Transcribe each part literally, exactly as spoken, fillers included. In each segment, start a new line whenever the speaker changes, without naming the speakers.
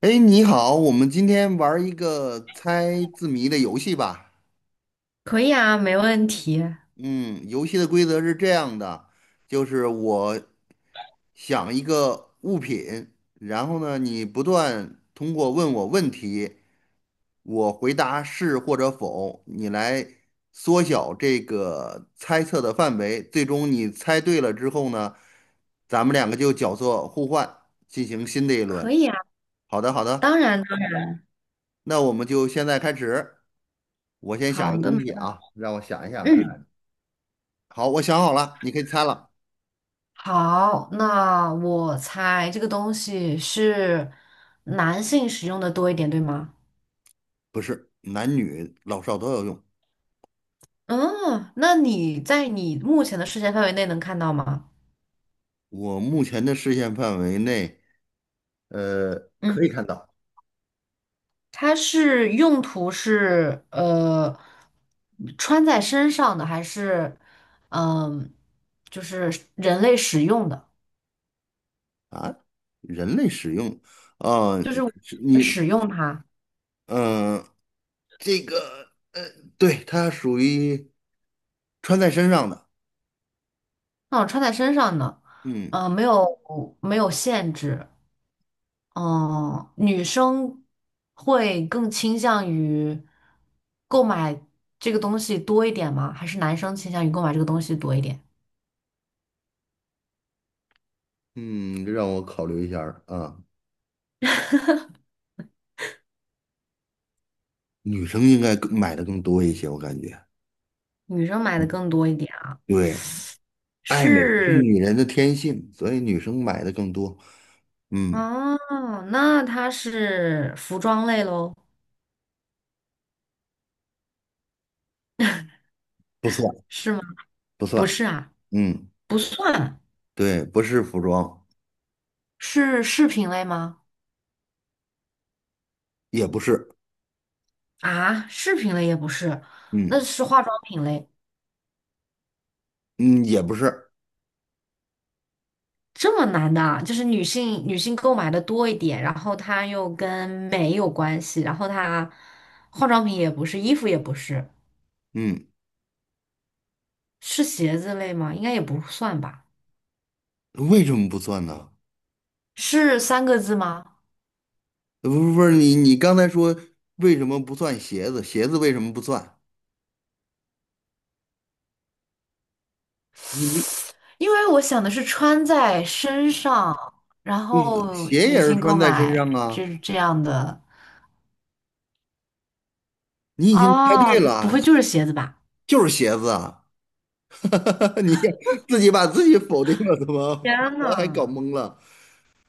哎，你好，我们今天玩儿一个猜字谜的游戏吧。
可以啊，没问题。
嗯，游戏的规则是这样的，就是我想一个物品，然后呢，你不断通过问我问题，我回答是或者否，你来缩小这个猜测的范围。最终你猜对了之后呢，咱们两个就角色互换，进行新的一
可
轮。
以啊，
好的，好的，
当然呢。
那我们就现在开始。我先想一
好
个东
的，没
西啊，让我想一想
嗯，
看。好，我想好了，你可以猜了。
好，那我猜这个东西是男性使用的多一点，对吗？
不是，男女老少都要用。
嗯，那你在你目前的视线范围内能看到吗？
我目前的视线范围内，呃，
嗯，
可以看到
它是用途是呃穿在身上的，还是嗯、就是人类使用的，
啊，人类使用，啊，
就是我
是
们
你，
使用它？
嗯、这个对，它属于穿在身上的。
那种穿在身上呢，
嗯
嗯、没有没有限制。嗯、女生会更倾向于购买这个东西多一点吗？还是男生倾向于购买这个东西多一点？
嗯，让我考虑一下儿啊，女生应该更买的更多一些，我感觉。
女生买的更多一点啊？
对，爱美是
是。
女人的天性，所以女生买的更多。嗯，
哦，那它是服装类喽？
不算
是吗？
不
不
算，
是啊，
嗯，
不算。
对，不是服装，
是饰品类吗？
也不是，
啊，饰品类也不是。那
嗯
是化妆品类。
嗯，也不是，
这么难的啊，就是女性女性购买的多一点，然后它又跟美有关系，然后它化妆品也不是，衣服也不是，
嗯，
是鞋子类吗？应该也不算吧。
为什么不算呢？
是三个字吗？
呃不不是你你刚才说为什么不算鞋子？鞋子为什么不算？你
因为我想的是穿在身上，然
对呀
后
鞋
女
也是
性购
穿在身
买
上啊，
就是这样的。
你已经猜
哦，
对
不
了，
会就是鞋子吧？
就是鞋子啊，你自己把自己否定了，怎么
天
我还搞
呐，
懵了？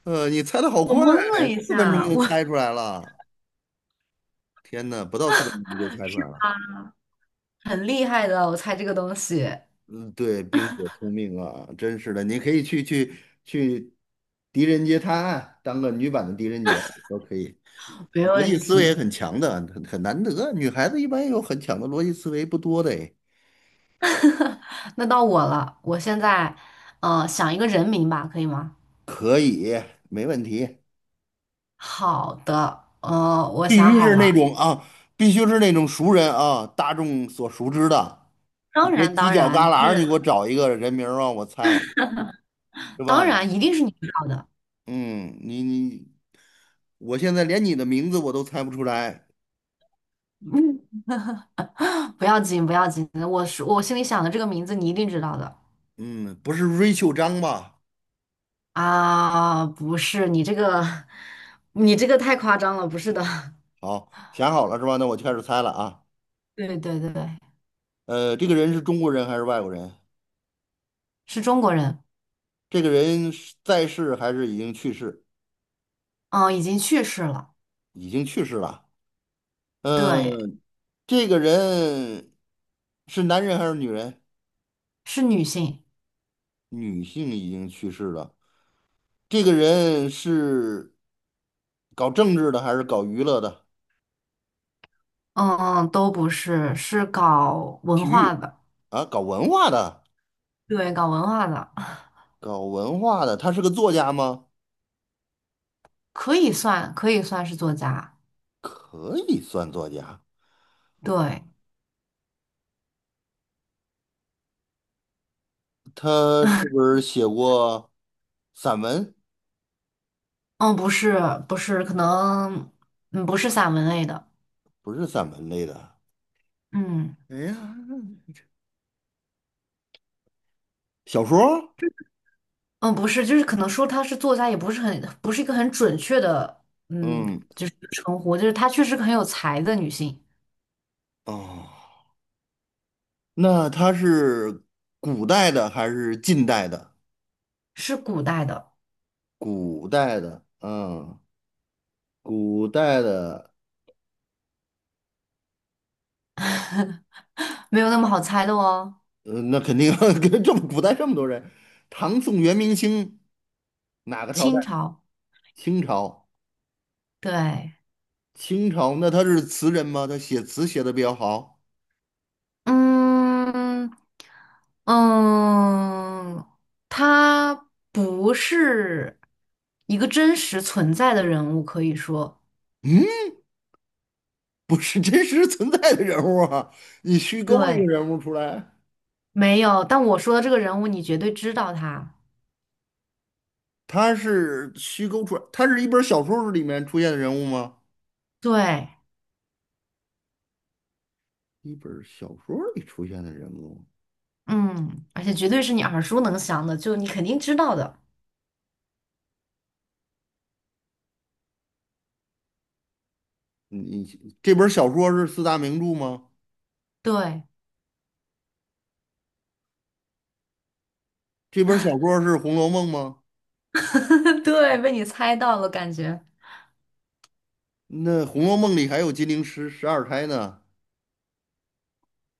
呃，你猜的好
我
快，
懵了一
四分钟
下，
就
我
猜出来了，天哪，不到四分钟你就猜出来了。
很厉害的，我猜这个东西
嗯，对，冰雪聪明啊，真是的，你可以去去去狄仁杰探案，当个女版的狄仁杰都可以。
没
逻辑
问
思维也
题。
很强的，很很难得，女孩子一般有很强的逻辑思维不多的诶，
那到我了，我现在呃想一个人名吧，可以吗？
可以，没问题，
好的，呃，我
必
想
须
好
是那
了。
种啊，必须是那种熟人啊，大众所熟知的，
当
你别
然，
犄
当
角
然
旮旯
就
儿
是，
你给我找一个人名儿让我猜，是
当
吧？
然一定是你知道的。
嗯，你你，我现在连你的名字我都猜不出来。
嗯，不要紧，不要紧，我是我心里想的这个名字，你一定知道的
嗯，不是瑞秋张吧？
啊。不是，你这个，你这个太夸张了，不是的。
好，想好了是吧？那我就开始猜了啊。
对对对，
呃，这个人是中国人还是外国人？
是中国人。
这个人是在世还是已经去世？
嗯，已经去世了。
已经去世了。
对，
嗯、这个人是男人还是女人？
是女性。
女性已经去世了。这个人是搞政治的还是搞娱乐的？
嗯，都不是，是搞文
体
化
育
的。
啊，搞文化的，
对，搞文化的。
搞文化的。他是个作家吗？
可以算，可以算是作家。
可以算作家。
对。
他是不是写过散文？
嗯，不是。不是，可能，嗯，不是散文类的。
不是散文类的，
嗯。
哎呀，小说儿
嗯，不是，就是可能说她是作家，也不是很，不是一个很准确的，嗯，
嗯，
称呼，就是她确实很有才的女性。
哦，那他是古代的还是近代的？
是古代的。
古代的，嗯，古代的，
没有那么好猜的哦。
呃，那肯定 跟这么古代这么多人，唐宋元明清哪个朝代？
清朝，
清朝，
对。
清朝，那他是词人吗？他写词写的比较好？
嗯嗯，他不是一个真实存在的人物，可以说。
嗯，不是真实存在的人物啊，你虚构了一
对，
个人物出来。
没有。但我说的这个人物，你绝对知道他。
他是虚构出来，他是一本小说里面出现的人物吗？
对。
一本小说里出现的人物，
嗯，而且绝对是你耳熟能详的，就你肯定知道的。
你你这本小说是四大名著吗？
对。
这本小说是《红楼梦》吗？
对，被你猜到了，感觉。
那《红楼梦》里还有金陵十十二钗呢，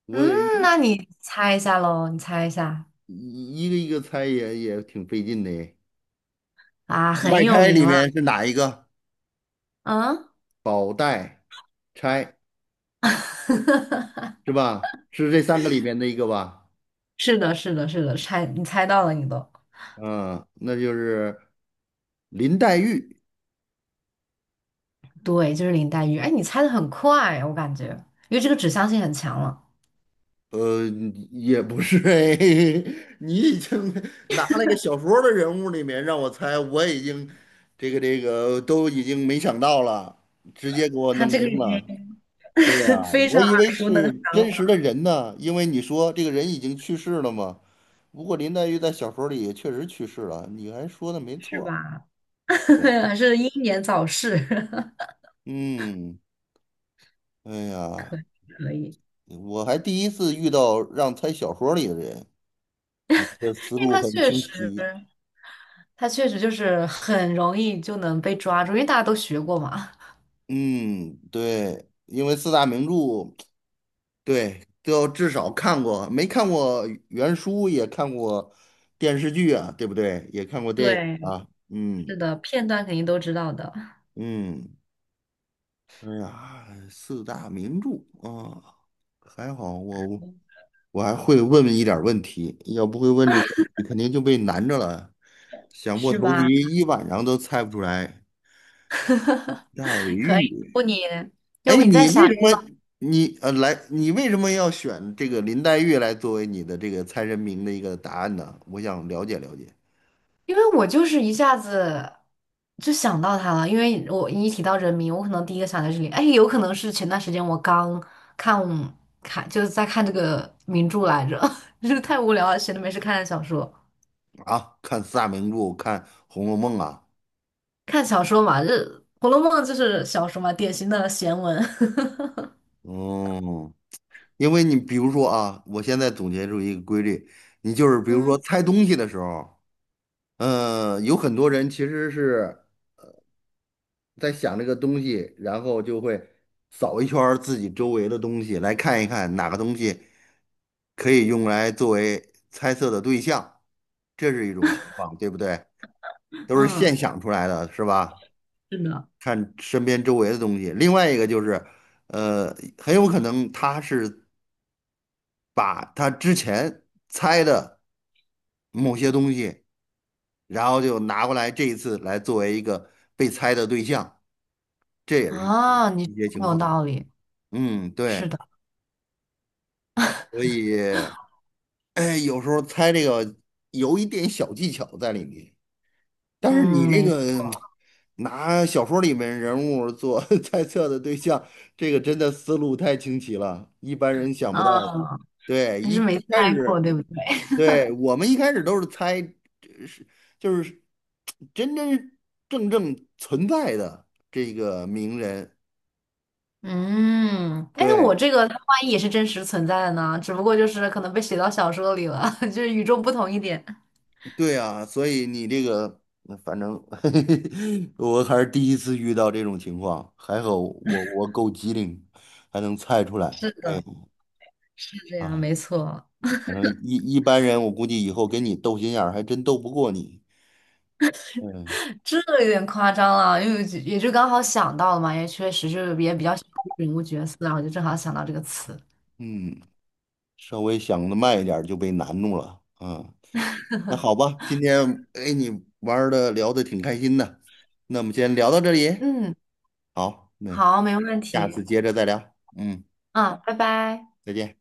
我
嗯，
得
那你猜一下喽，你猜一下。
一一个一个猜也也挺费劲的耶。
啊，
五
很
代
有
钗
名
里面
啦。
是哪一个？
嗯，
宝黛钗是吧？是这三个里面的一个吧？
是的，是的，是的，猜，你猜到了，你都。
嗯，那就是林黛玉。
对，就是林黛玉。哎，你猜的很快啊，我感觉，因为这个指向性很强了。
呃，也不是哎，你已经拿了一个小说的人物里面让我猜，我已经这个这个都已经没想到了，直接给我
他
弄
这个已
懵了。
经
对 呀，
非
我
常
以为
耳熟能
是
详
真
了。
实的人呢，因为你说这个人已经去世了嘛。不过林黛玉在小说里也确实去世了，你还说的没
是
错。
吧？
对呀
还是英年早逝。
嗯，哎呀，
可以。
我还第一次遇到让猜小说里的人，你的思
因为
路
他
很
确
清
实，
晰。
他确实就是很容易就能被抓住，因为大家都学过嘛。
嗯，对，因为四大名著，对，都要至少看过，没看过原书也看过电视剧啊，对不对？也看过电影
对，
啊，嗯
是的，片段肯定都知道的。
嗯，哎呀，四大名著啊，还好我我还会问一点儿问题，要不会问这个问题，肯定就被难着了，想破
是
头
吧？
皮一晚上都猜不出来。黛
可以，要不
玉，
你，要
哎，
不你再
你为
想。
什么你呃来，你为什么要选这个林黛玉来作为你的这个猜人名的一个答案呢？我想了解了解
因为我就是一下子就想到他了，因为我一提到人名，我可能第一个想到这里。哎，有可能是前段时间我刚看看就是在看这个名著来着，就是太无聊了，闲着没事看看小说。
啊，看四大名著，看《红楼梦》啊，
看小说嘛，这《红楼梦》就是小说嘛，典型的闲文。
哦，因为你比如说啊，我现在总结出一个规律，你就是 比如说
嗯。
猜东西的时候，嗯、有很多人其实是在想这个东西，然后就会扫一圈儿自己周围的东西，来看一看哪个东西。可以用来作为猜测的对象，这是一种情况，对不对？都是
嗯，
现想出来的，是吧？
是的。
看身边周围的东西。另外一个就是，呃，很有可能他是把他之前猜的某些东西，然后就拿过来这一次来作为一个被猜的对象，这也是
啊，你
一
说
些
得
情
很有
况。
道理。
嗯，对，
是的。
所以，哎，有时候猜这个有一点小技巧在里面。但是你
嗯，
这
没，
个拿小说里面人物做 猜测的对象，这个真的思路太清奇了，一般人想不到的。
啊，
对，
还
一
是没
一开
猜过，
始，
对不对？
对，我们一开始都是猜，呃是就是真真正正存在的这个名人。
嗯，哎，那我
对，
这个它万一也是真实存在的呢？只不过就是可能被写到小说里了，就是与众不同一点。
对啊，所以你这个，反正 我还是第一次遇到这种情况，还好我我够机灵，还能猜出来。
是的，
哎
是这样，
啊。
没错。
反正一一般人，我估计以后跟你斗心眼儿还真斗不过你。嗯
这有点夸张了，因为就也就刚好想到了嘛，也确实是也比较喜欢人物角色啊，然后就正好想到这个词。
嗯，稍微想的慢一点儿就被难住了。嗯，那好吧，今天哎你玩的聊的挺开心的，那我们先聊到这里。
嗯，
好，那
好，没问
下
题。
次接着再聊。嗯，
嗯，拜拜。
再见。